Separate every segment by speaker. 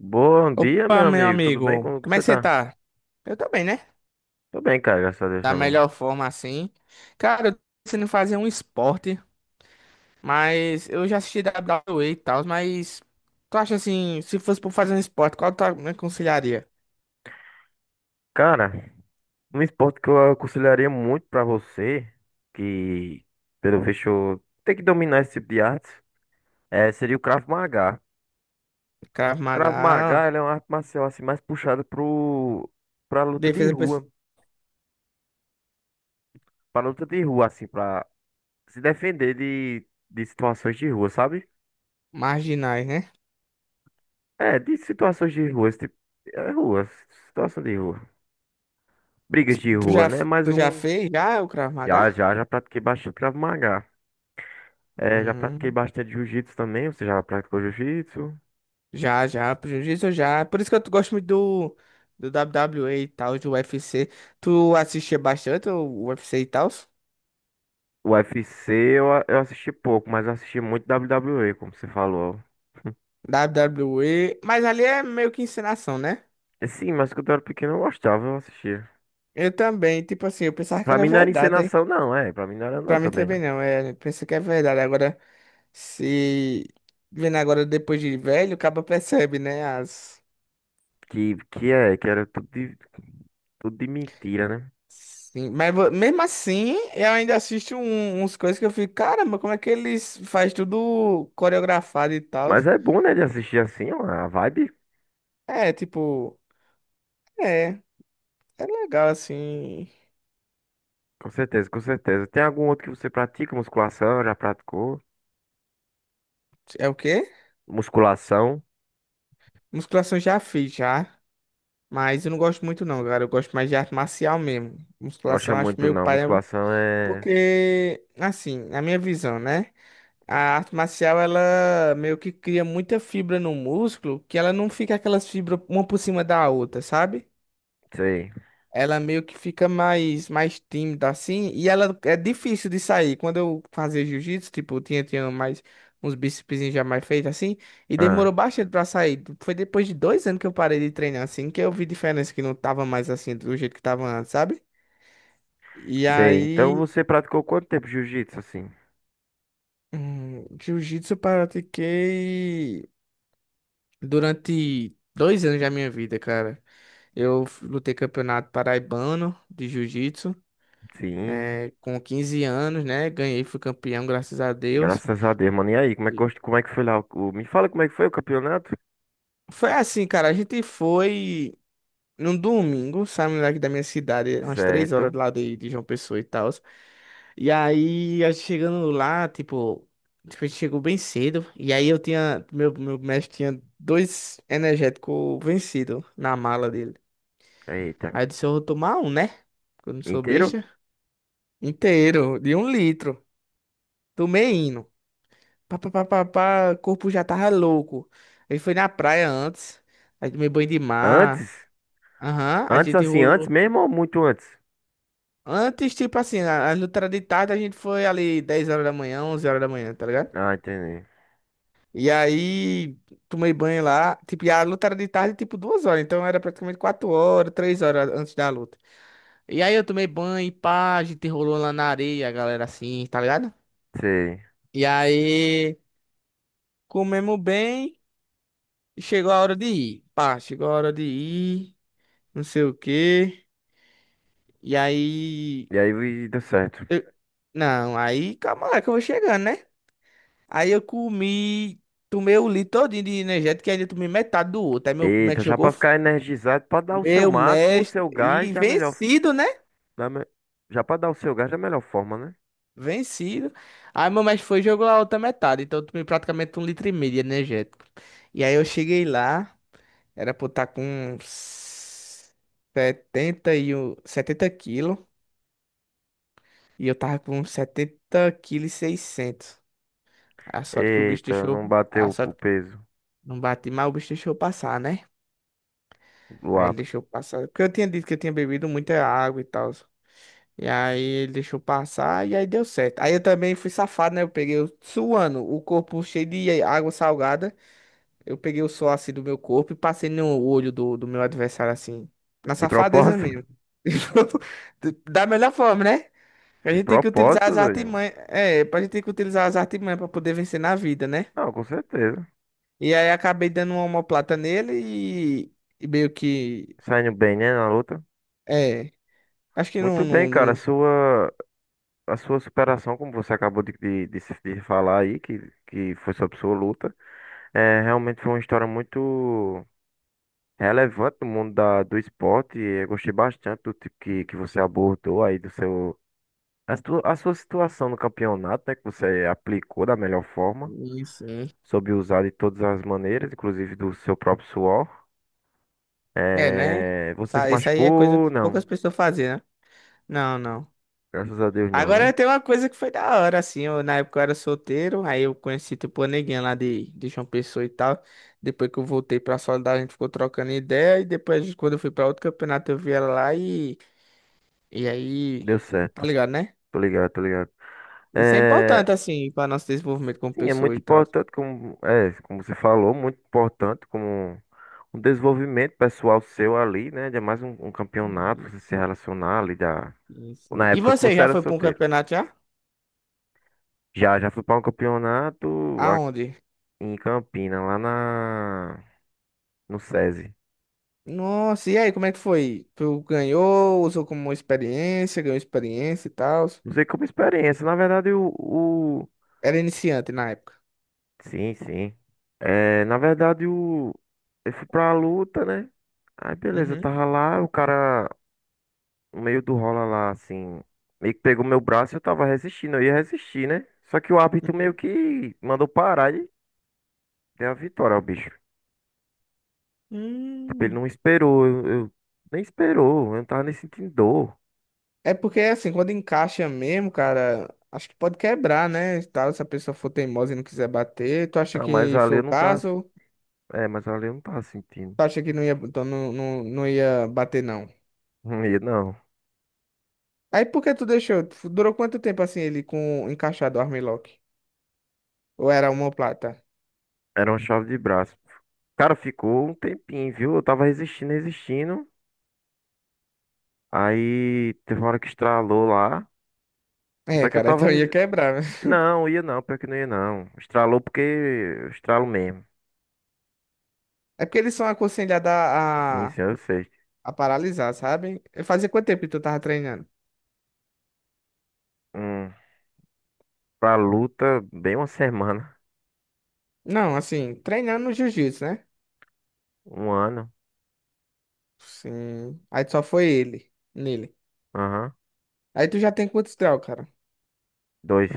Speaker 1: Bom dia,
Speaker 2: Opa,
Speaker 1: meu
Speaker 2: meu
Speaker 1: amigo. Tudo bem?
Speaker 2: amigo,
Speaker 1: Como
Speaker 2: como é
Speaker 1: você
Speaker 2: que você
Speaker 1: tá?
Speaker 2: tá? Eu tô bem, né?
Speaker 1: Tô bem, cara, graças a Deus
Speaker 2: Da
Speaker 1: também.
Speaker 2: melhor forma assim. Cara, eu tô pensando em fazer um esporte, mas eu já assisti WWE e tal, mas tu acha assim, se fosse por fazer um esporte, qual tu me aconselharia?
Speaker 1: Cara, um esporte que eu aconselharia muito pra você, que pelo visto tem que dominar esse tipo de arte, seria o Krav Maga.
Speaker 2: Krav
Speaker 1: Krav
Speaker 2: Maga,
Speaker 1: Maga, ele é uma arte marcial assim mais puxada pro pra luta de
Speaker 2: defesa por
Speaker 1: rua, pra luta de rua assim, pra se defender de situações de rua, sabe?
Speaker 2: marginais, né?
Speaker 1: É, de situações de rua, esse tipo, é rua, situação de rua. Brigas de
Speaker 2: Tu
Speaker 1: rua,
Speaker 2: já,
Speaker 1: né? Mais
Speaker 2: tu já
Speaker 1: um.
Speaker 2: fez já o Krav Maga?
Speaker 1: Já pratiquei bastante Krav Maga. É, já pratiquei
Speaker 2: Hum,
Speaker 1: bastante Jiu-Jitsu também. Você já praticou Jiu-Jitsu?
Speaker 2: já, já, prejuízo já. Por isso que eu gosto muito do WWE e tal, do UFC. Tu assistia bastante o UFC e tal?
Speaker 1: O C eu, a- eu assisti pouco, mas eu assisti muito WWE, como você falou.
Speaker 2: WWE, mas ali é meio que encenação, né?
Speaker 1: É, sim, mas quando eu era pequeno eu gostava, eu assistia.
Speaker 2: Eu também, tipo assim, eu pensava que
Speaker 1: Pra
Speaker 2: era
Speaker 1: mim não era
Speaker 2: verdade, aí
Speaker 1: encenação, não, é. Pra mim não era não
Speaker 2: pra mim
Speaker 1: também, não.
Speaker 2: também não, é, pensei que é verdade, agora se vendo agora depois de velho, o cara percebe, né, as...
Speaker 1: Que era tudo de mentira, né?
Speaker 2: Sim, mas mesmo assim, eu ainda assisto uns coisas que eu fico, caramba, como é que eles faz tudo coreografado e tal?
Speaker 1: Mas é bom, né, de assistir assim, ó, a vibe.
Speaker 2: É, tipo, é, é legal assim,
Speaker 1: Com certeza, com certeza. Tem algum outro que você pratica? Musculação, já praticou?
Speaker 2: é o quê?
Speaker 1: Musculação?
Speaker 2: Musculação já fiz, já. Mas eu não gosto muito não, cara. Eu gosto mais de arte marcial mesmo.
Speaker 1: Não gosta
Speaker 2: Musculação eu acho
Speaker 1: muito,
Speaker 2: meio
Speaker 1: não.
Speaker 2: paia,
Speaker 1: Musculação é...
Speaker 2: porque assim, na minha visão, né? A arte marcial ela meio que cria muita fibra no músculo, que ela não fica aquelas fibras uma por cima da outra, sabe?
Speaker 1: Sei.
Speaker 2: Ela meio que fica mais tímida assim, e ela é difícil de sair. Quando eu fazia jiu-jitsu, tipo, eu tinha mais uns bíceps já mais feitos assim, e
Speaker 1: Ah,
Speaker 2: demorou bastante pra sair. Foi depois de 2 anos que eu parei de treinar assim, que eu vi diferença que não tava mais assim do jeito que tava antes, sabe? E
Speaker 1: sei. Então
Speaker 2: aí,
Speaker 1: você praticou quanto tempo jiu-jitsu, assim?
Speaker 2: jiu-jitsu eu pratiquei durante 2 anos da minha vida, cara. Lutei campeonato paraibano de jiu-jitsu.
Speaker 1: Sim,
Speaker 2: É, com 15 anos, né? Ganhei, fui campeão, graças a Deus.
Speaker 1: graças a Deus, mano. E aí, como é que,
Speaker 2: E
Speaker 1: como é que foi lá? Me fala como é que foi o campeonato?
Speaker 2: foi assim, cara, a gente foi num domingo, saímos daqui da minha cidade, umas 3 horas
Speaker 1: Certo.
Speaker 2: lá de João Pessoa e tal. E aí, a gente chegando lá, tipo, a gente chegou bem cedo. E aí eu tinha, meu mestre tinha 2 energéticos vencidos na mala dele.
Speaker 1: Eita.
Speaker 2: Aí eu disse, eu vou tomar um, né? Porque eu não sou
Speaker 1: Inteiro?
Speaker 2: besta. Inteiro, de um litro. Tomei indo. Pá, pá, pá, pá, pá, o corpo já tava louco. Ele foi na praia antes, aí tomei banho de mar.
Speaker 1: Antes?
Speaker 2: Aham, a
Speaker 1: Antes,
Speaker 2: gente
Speaker 1: assim, antes
Speaker 2: rolou.
Speaker 1: mesmo ou muito antes?
Speaker 2: Antes, tipo assim, a luta era de tarde, a gente foi ali 10 horas da manhã, 11 horas da manhã, tá ligado?
Speaker 1: Ah, entendi.
Speaker 2: E aí, tomei banho lá. Tipo, e a luta era de tarde, tipo, 2 horas. Então, era praticamente 4 horas, 3 horas antes da luta. E aí, eu tomei banho, e pá, a gente rolou lá na areia, a galera assim, tá ligado?
Speaker 1: Sei.
Speaker 2: E aí, comemos bem, chegou a hora de ir. Pá, chegou a hora de ir. Não sei o quê. E aí.
Speaker 1: E aí e deu certo.
Speaker 2: eu- não, aí calma lá que eu vou chegando, né? Aí eu comi. Tomei o litro todinho de energético e ainda tomei metade do outro. Aí meu
Speaker 1: Eita,
Speaker 2: médico
Speaker 1: já
Speaker 2: jogou.
Speaker 1: pra ficar energizado, pra dar o seu
Speaker 2: Meu
Speaker 1: máximo, o
Speaker 2: mestre.
Speaker 1: seu gás
Speaker 2: E
Speaker 1: da melhor.
Speaker 2: vencido, né?
Speaker 1: Da me- Já pra dar o seu gás da melhor forma, né?
Speaker 2: Vencido. Aí meu mestre foi e jogou a outra metade. Então eu tomei praticamente um litro e meio de energético. E aí eu cheguei lá. Era pra eu estar com uns 70 e um, 70 quilos. E eu tava com 70 quilos e 600. A sorte que o bicho
Speaker 1: Eita,
Speaker 2: deixou.
Speaker 1: não bateu
Speaker 2: A
Speaker 1: o
Speaker 2: sorte que
Speaker 1: peso
Speaker 2: não bati, mas o bicho deixou passar, né?
Speaker 1: do
Speaker 2: Aí
Speaker 1: ar.
Speaker 2: ele deixou passar. Porque eu tinha dito que eu tinha bebido muita água e tal. E aí ele deixou passar e aí deu certo. Aí eu também fui safado, né? Suando, o corpo cheio de água salgada. Eu peguei o sol assim do meu corpo e passei no olho do meu adversário assim. Na
Speaker 1: De
Speaker 2: safadeza
Speaker 1: propósito?
Speaker 2: mesmo. Da melhor forma, né? A
Speaker 1: De
Speaker 2: gente tem que utilizar
Speaker 1: propósito,
Speaker 2: as
Speaker 1: doido.
Speaker 2: artimanhas. É, a gente tem que utilizar as artimanhas pra poder vencer na vida, né?
Speaker 1: Não, com certeza.
Speaker 2: E aí acabei dando uma omoplata nele e, e meio que.
Speaker 1: Saindo bem, né, na luta.
Speaker 2: É. Acho que não,
Speaker 1: Muito bem,
Speaker 2: não,
Speaker 1: cara.
Speaker 2: não-
Speaker 1: A sua superação, como você acabou de, se- de falar aí, que foi sobre sua luta, realmente foi uma história muito relevante no mundo do esporte. E eu gostei bastante do tipo que você abordou aí, do seu, a sua situação no campeonato, né, que você aplicou da melhor forma,
Speaker 2: Isso. Né?
Speaker 1: soube usar de todas as maneiras, inclusive do seu próprio suor.
Speaker 2: É, né?
Speaker 1: É, você se
Speaker 2: Isso aí é coisa
Speaker 1: machucou?
Speaker 2: que
Speaker 1: Não.
Speaker 2: poucas pessoas fazem, né? Não, não.
Speaker 1: Graças a Deus, não, né?
Speaker 2: Agora tem uma coisa que foi da hora, assim. Eu, na época eu era solteiro, aí eu conheci tipo uma neguinha lá de João Pessoa e tal. Depois que eu voltei pra Soledade, a gente ficou trocando ideia. E depois, quando eu fui pra outro campeonato, eu vi ela lá e. E aí.
Speaker 1: Deu
Speaker 2: Tá
Speaker 1: certo.
Speaker 2: ligado, né?
Speaker 1: Tô ligado, tô ligado.
Speaker 2: Isso é
Speaker 1: É,
Speaker 2: importante, assim, pra nosso desenvolvimento como
Speaker 1: sim, é
Speaker 2: pessoa
Speaker 1: muito
Speaker 2: e tal.
Speaker 1: importante, como você falou, muito importante como um desenvolvimento pessoal seu ali, né? Um campeonato, você se relacionar ali da,
Speaker 2: Sim, sim.
Speaker 1: na
Speaker 2: E
Speaker 1: época que
Speaker 2: você
Speaker 1: você
Speaker 2: já
Speaker 1: era
Speaker 2: foi para um
Speaker 1: solteiro.
Speaker 2: campeonato já?
Speaker 1: Já fui para um campeonato
Speaker 2: Aonde?
Speaker 1: em Campina, no SESI.
Speaker 2: Nossa, e aí, como é que foi? Tu ganhou, usou como uma experiência, ganhou experiência e tal.
Speaker 1: Usei como experiência. Na verdade,
Speaker 2: Era iniciante na época.
Speaker 1: sim, sim. É, na verdade, o... eu fui pra luta, né? Aí beleza, eu
Speaker 2: Uhum,
Speaker 1: tava lá, o cara, no meio do rola lá, assim, meio que pegou meu braço e eu tava resistindo, eu ia resistir, né? Só que o árbitro meio
Speaker 2: uhum.
Speaker 1: que mandou parar e deu a vitória ao bicho. Tipo, ele
Speaker 2: Hum.
Speaker 1: não esperou, nem esperou, eu não tava nem sentindo dor.
Speaker 2: É porque assim, quando encaixa mesmo, cara, acho que pode quebrar, né? E tal, se a pessoa for teimosa e não quiser bater, tu acha
Speaker 1: Ah, mas
Speaker 2: que
Speaker 1: ali
Speaker 2: foi
Speaker 1: eu
Speaker 2: o
Speaker 1: não tava,
Speaker 2: caso?
Speaker 1: é, mas ali eu não tava sentindo.
Speaker 2: Tu acha que não ia, então não, não, não ia bater, não?
Speaker 1: Não ia, não,
Speaker 2: Aí por que tu deixou? Durou quanto tempo assim ele com encaixado o armlock? Ou era uma plata?
Speaker 1: era uma chave de braço. Cara, ficou um tempinho, viu? Eu tava resistindo, resistindo. Aí teve uma hora que estralou lá.
Speaker 2: É,
Speaker 1: Só que eu
Speaker 2: cara,
Speaker 1: tava.
Speaker 2: então ia
Speaker 1: Resi-
Speaker 2: quebrar, né?
Speaker 1: Não, ia não, pior que não ia não. Estralou porque eu estralo mesmo.
Speaker 2: É porque eles são aconselhados
Speaker 1: Sim,
Speaker 2: a, a,
Speaker 1: sim, eu sei.
Speaker 2: a paralisar, sabe? Fazia quanto tempo que tu tava treinando?
Speaker 1: Um, pra luta, bem uma semana.
Speaker 2: Não, assim, treinando no jiu-jitsu, né?
Speaker 1: Um ano.
Speaker 2: Sim. Aí só foi ele, nele.
Speaker 1: Aham.
Speaker 2: Aí tu já tem quantos graus, cara?
Speaker 1: Dois.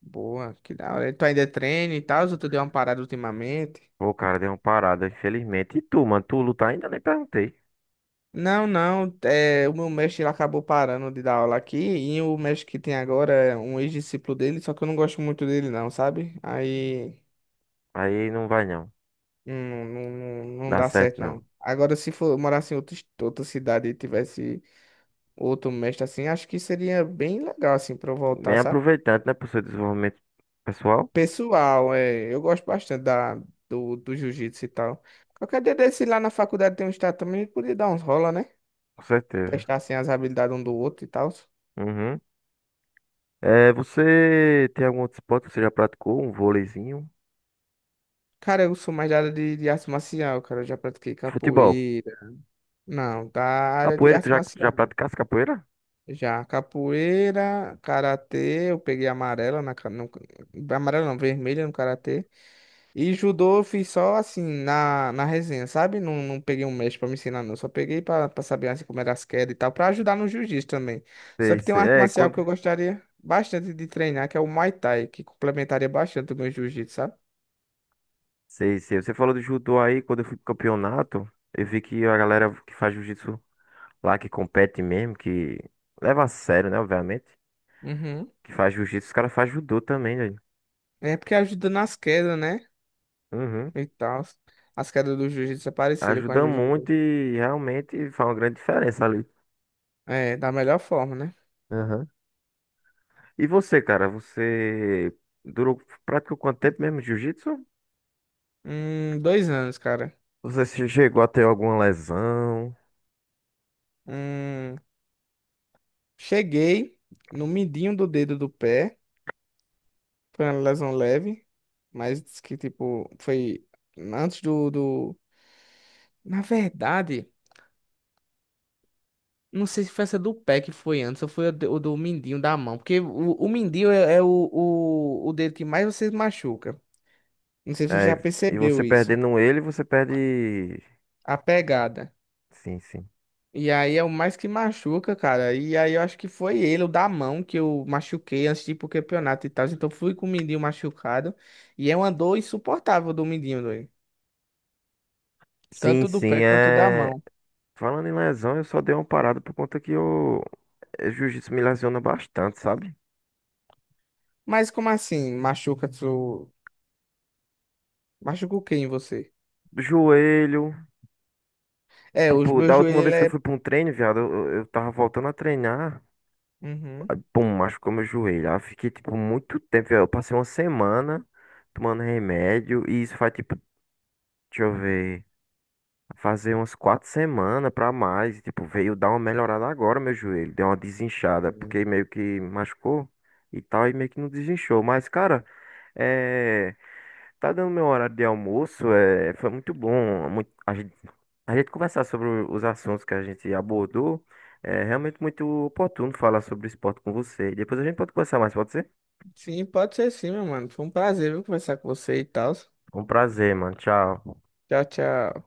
Speaker 2: Boa, que da hora. Tu ainda treina e tal, ou tu deu uma parada ultimamente?
Speaker 1: Pô, cara, deu uma parada, infelizmente. E tu, mano? Tu luta ainda? Nem perguntei.
Speaker 2: Não, não. É, o meu mestre ele acabou parando de dar aula aqui. E o mestre que tem agora é um ex-discípulo dele, só que eu não gosto muito dele, não, sabe? Aí.
Speaker 1: Aí não vai não.
Speaker 2: Não, não, não não
Speaker 1: Dá
Speaker 2: dá
Speaker 1: certo
Speaker 2: certo,
Speaker 1: não.
Speaker 2: não. Agora, se for morasse em outra, outra cidade e tivesse outro mestre assim, acho que seria bem legal, assim, pra eu voltar,
Speaker 1: Bem
Speaker 2: sabe?
Speaker 1: aproveitante, né? Pro seu desenvolvimento pessoal.
Speaker 2: Pessoal, é, eu gosto bastante da, do jiu-jitsu e tal. Qualquer dia desse lá na faculdade tem um estágio também, a gente podia dar uns rola, né?
Speaker 1: Com certeza.
Speaker 2: Testar, assim, as habilidades um do outro e tal.
Speaker 1: Uhum. É, você tem algum outro esporte que você já praticou? Um vôleizinho?
Speaker 2: Cara, eu sou mais da área de arte marcial, cara. Eu já pratiquei
Speaker 1: Futebol.
Speaker 2: capoeira. Não, da área de
Speaker 1: Capoeira,
Speaker 2: arte
Speaker 1: já
Speaker 2: marcial.
Speaker 1: praticaste capoeira?
Speaker 2: Já capoeira, karatê, eu peguei amarela no, amarela não, vermelha no karatê. E judô eu fiz só assim na resenha, sabe? Não, não peguei um mestre pra me ensinar não, só peguei pra saber assim, como era as quedas e tal, pra ajudar no jiu-jitsu também. Só
Speaker 1: Sei,
Speaker 2: que tem uma
Speaker 1: sei.
Speaker 2: arte marcial que eu gostaria bastante de treinar, que é o Muay Thai, que complementaria bastante o meu jiu-jitsu, sabe?
Speaker 1: Sei, sei. Você falou do judô aí, quando eu fui pro campeonato, eu vi que a galera que faz jiu-jitsu lá, que compete mesmo, que leva a sério, né, obviamente,
Speaker 2: Uhum.
Speaker 1: que faz jiu-jitsu, os caras fazem judô também, velho.
Speaker 2: É porque ajuda nas quedas, né?
Speaker 1: Uhum.
Speaker 2: E tal. As quedas do jiu-jitsu é parecida com a
Speaker 1: Ajuda
Speaker 2: jiu-jitsu.
Speaker 1: muito e realmente faz uma grande diferença ali.
Speaker 2: É, da melhor forma, né?
Speaker 1: Uhum. E você, cara, você durou, praticou quanto tempo mesmo de jiu-jitsu?
Speaker 2: 2 anos, cara.
Speaker 1: Você chegou a ter alguma lesão?
Speaker 2: Hum, cheguei no midinho do dedo do pé. Foi uma lesão leve. Mas diz que, tipo, foi antes do... Na verdade, não sei se foi essa do pé que foi antes ou foi o do mindinho da mão. Porque o mindinho é o, o dedo que mais você machuca. Não sei se você
Speaker 1: É,
Speaker 2: já
Speaker 1: e você
Speaker 2: percebeu isso.
Speaker 1: perdendo ele, você perde...
Speaker 2: A pegada.
Speaker 1: Sim, sim.
Speaker 2: E aí é o mais que machuca, cara. E aí eu acho que foi ele, o da mão, que eu machuquei antes de ir pro campeonato e tal. Então fui com o mindinho machucado. E é uma dor insuportável do mindinho, doido.
Speaker 1: Sim,
Speaker 2: Tanto do
Speaker 1: sim,
Speaker 2: pé quanto da
Speaker 1: é...
Speaker 2: mão.
Speaker 1: Falando em lesão, eu só dei uma parada por conta que o jiu-jitsu me lesiona bastante, sabe?
Speaker 2: Mas como assim? Machuca tu. Machuca o quê em você?
Speaker 1: Do joelho.
Speaker 2: É, o
Speaker 1: Tipo,
Speaker 2: meu
Speaker 1: da
Speaker 2: joelho,
Speaker 1: última
Speaker 2: ele
Speaker 1: vez que eu
Speaker 2: é.
Speaker 1: fui pra um treino, viado, eu tava voltando a treinar.
Speaker 2: Uhum.
Speaker 1: Pum, machucou meu joelho. Aí eu fiquei, tipo, muito tempo, viado. Eu passei uma semana tomando remédio. E isso faz, tipo, deixa eu ver. Fazer umas quatro semanas pra mais. E tipo, veio dar uma melhorada agora, meu joelho. Deu uma desinchada,
Speaker 2: Uhum.
Speaker 1: porque meio que machucou e tal. E meio que não desinchou. Mas, cara, é. Tá dando meu horário de almoço, é, foi muito bom. A gente conversar sobre os assuntos que a gente abordou. É realmente muito oportuno falar sobre esporte com você. Depois a gente pode conversar mais, pode ser?
Speaker 2: Sim, pode ser sim, meu mano. Foi um prazer, viu, conversar com você e tal.
Speaker 1: Um prazer, mano. Tchau.
Speaker 2: Tchau, tchau.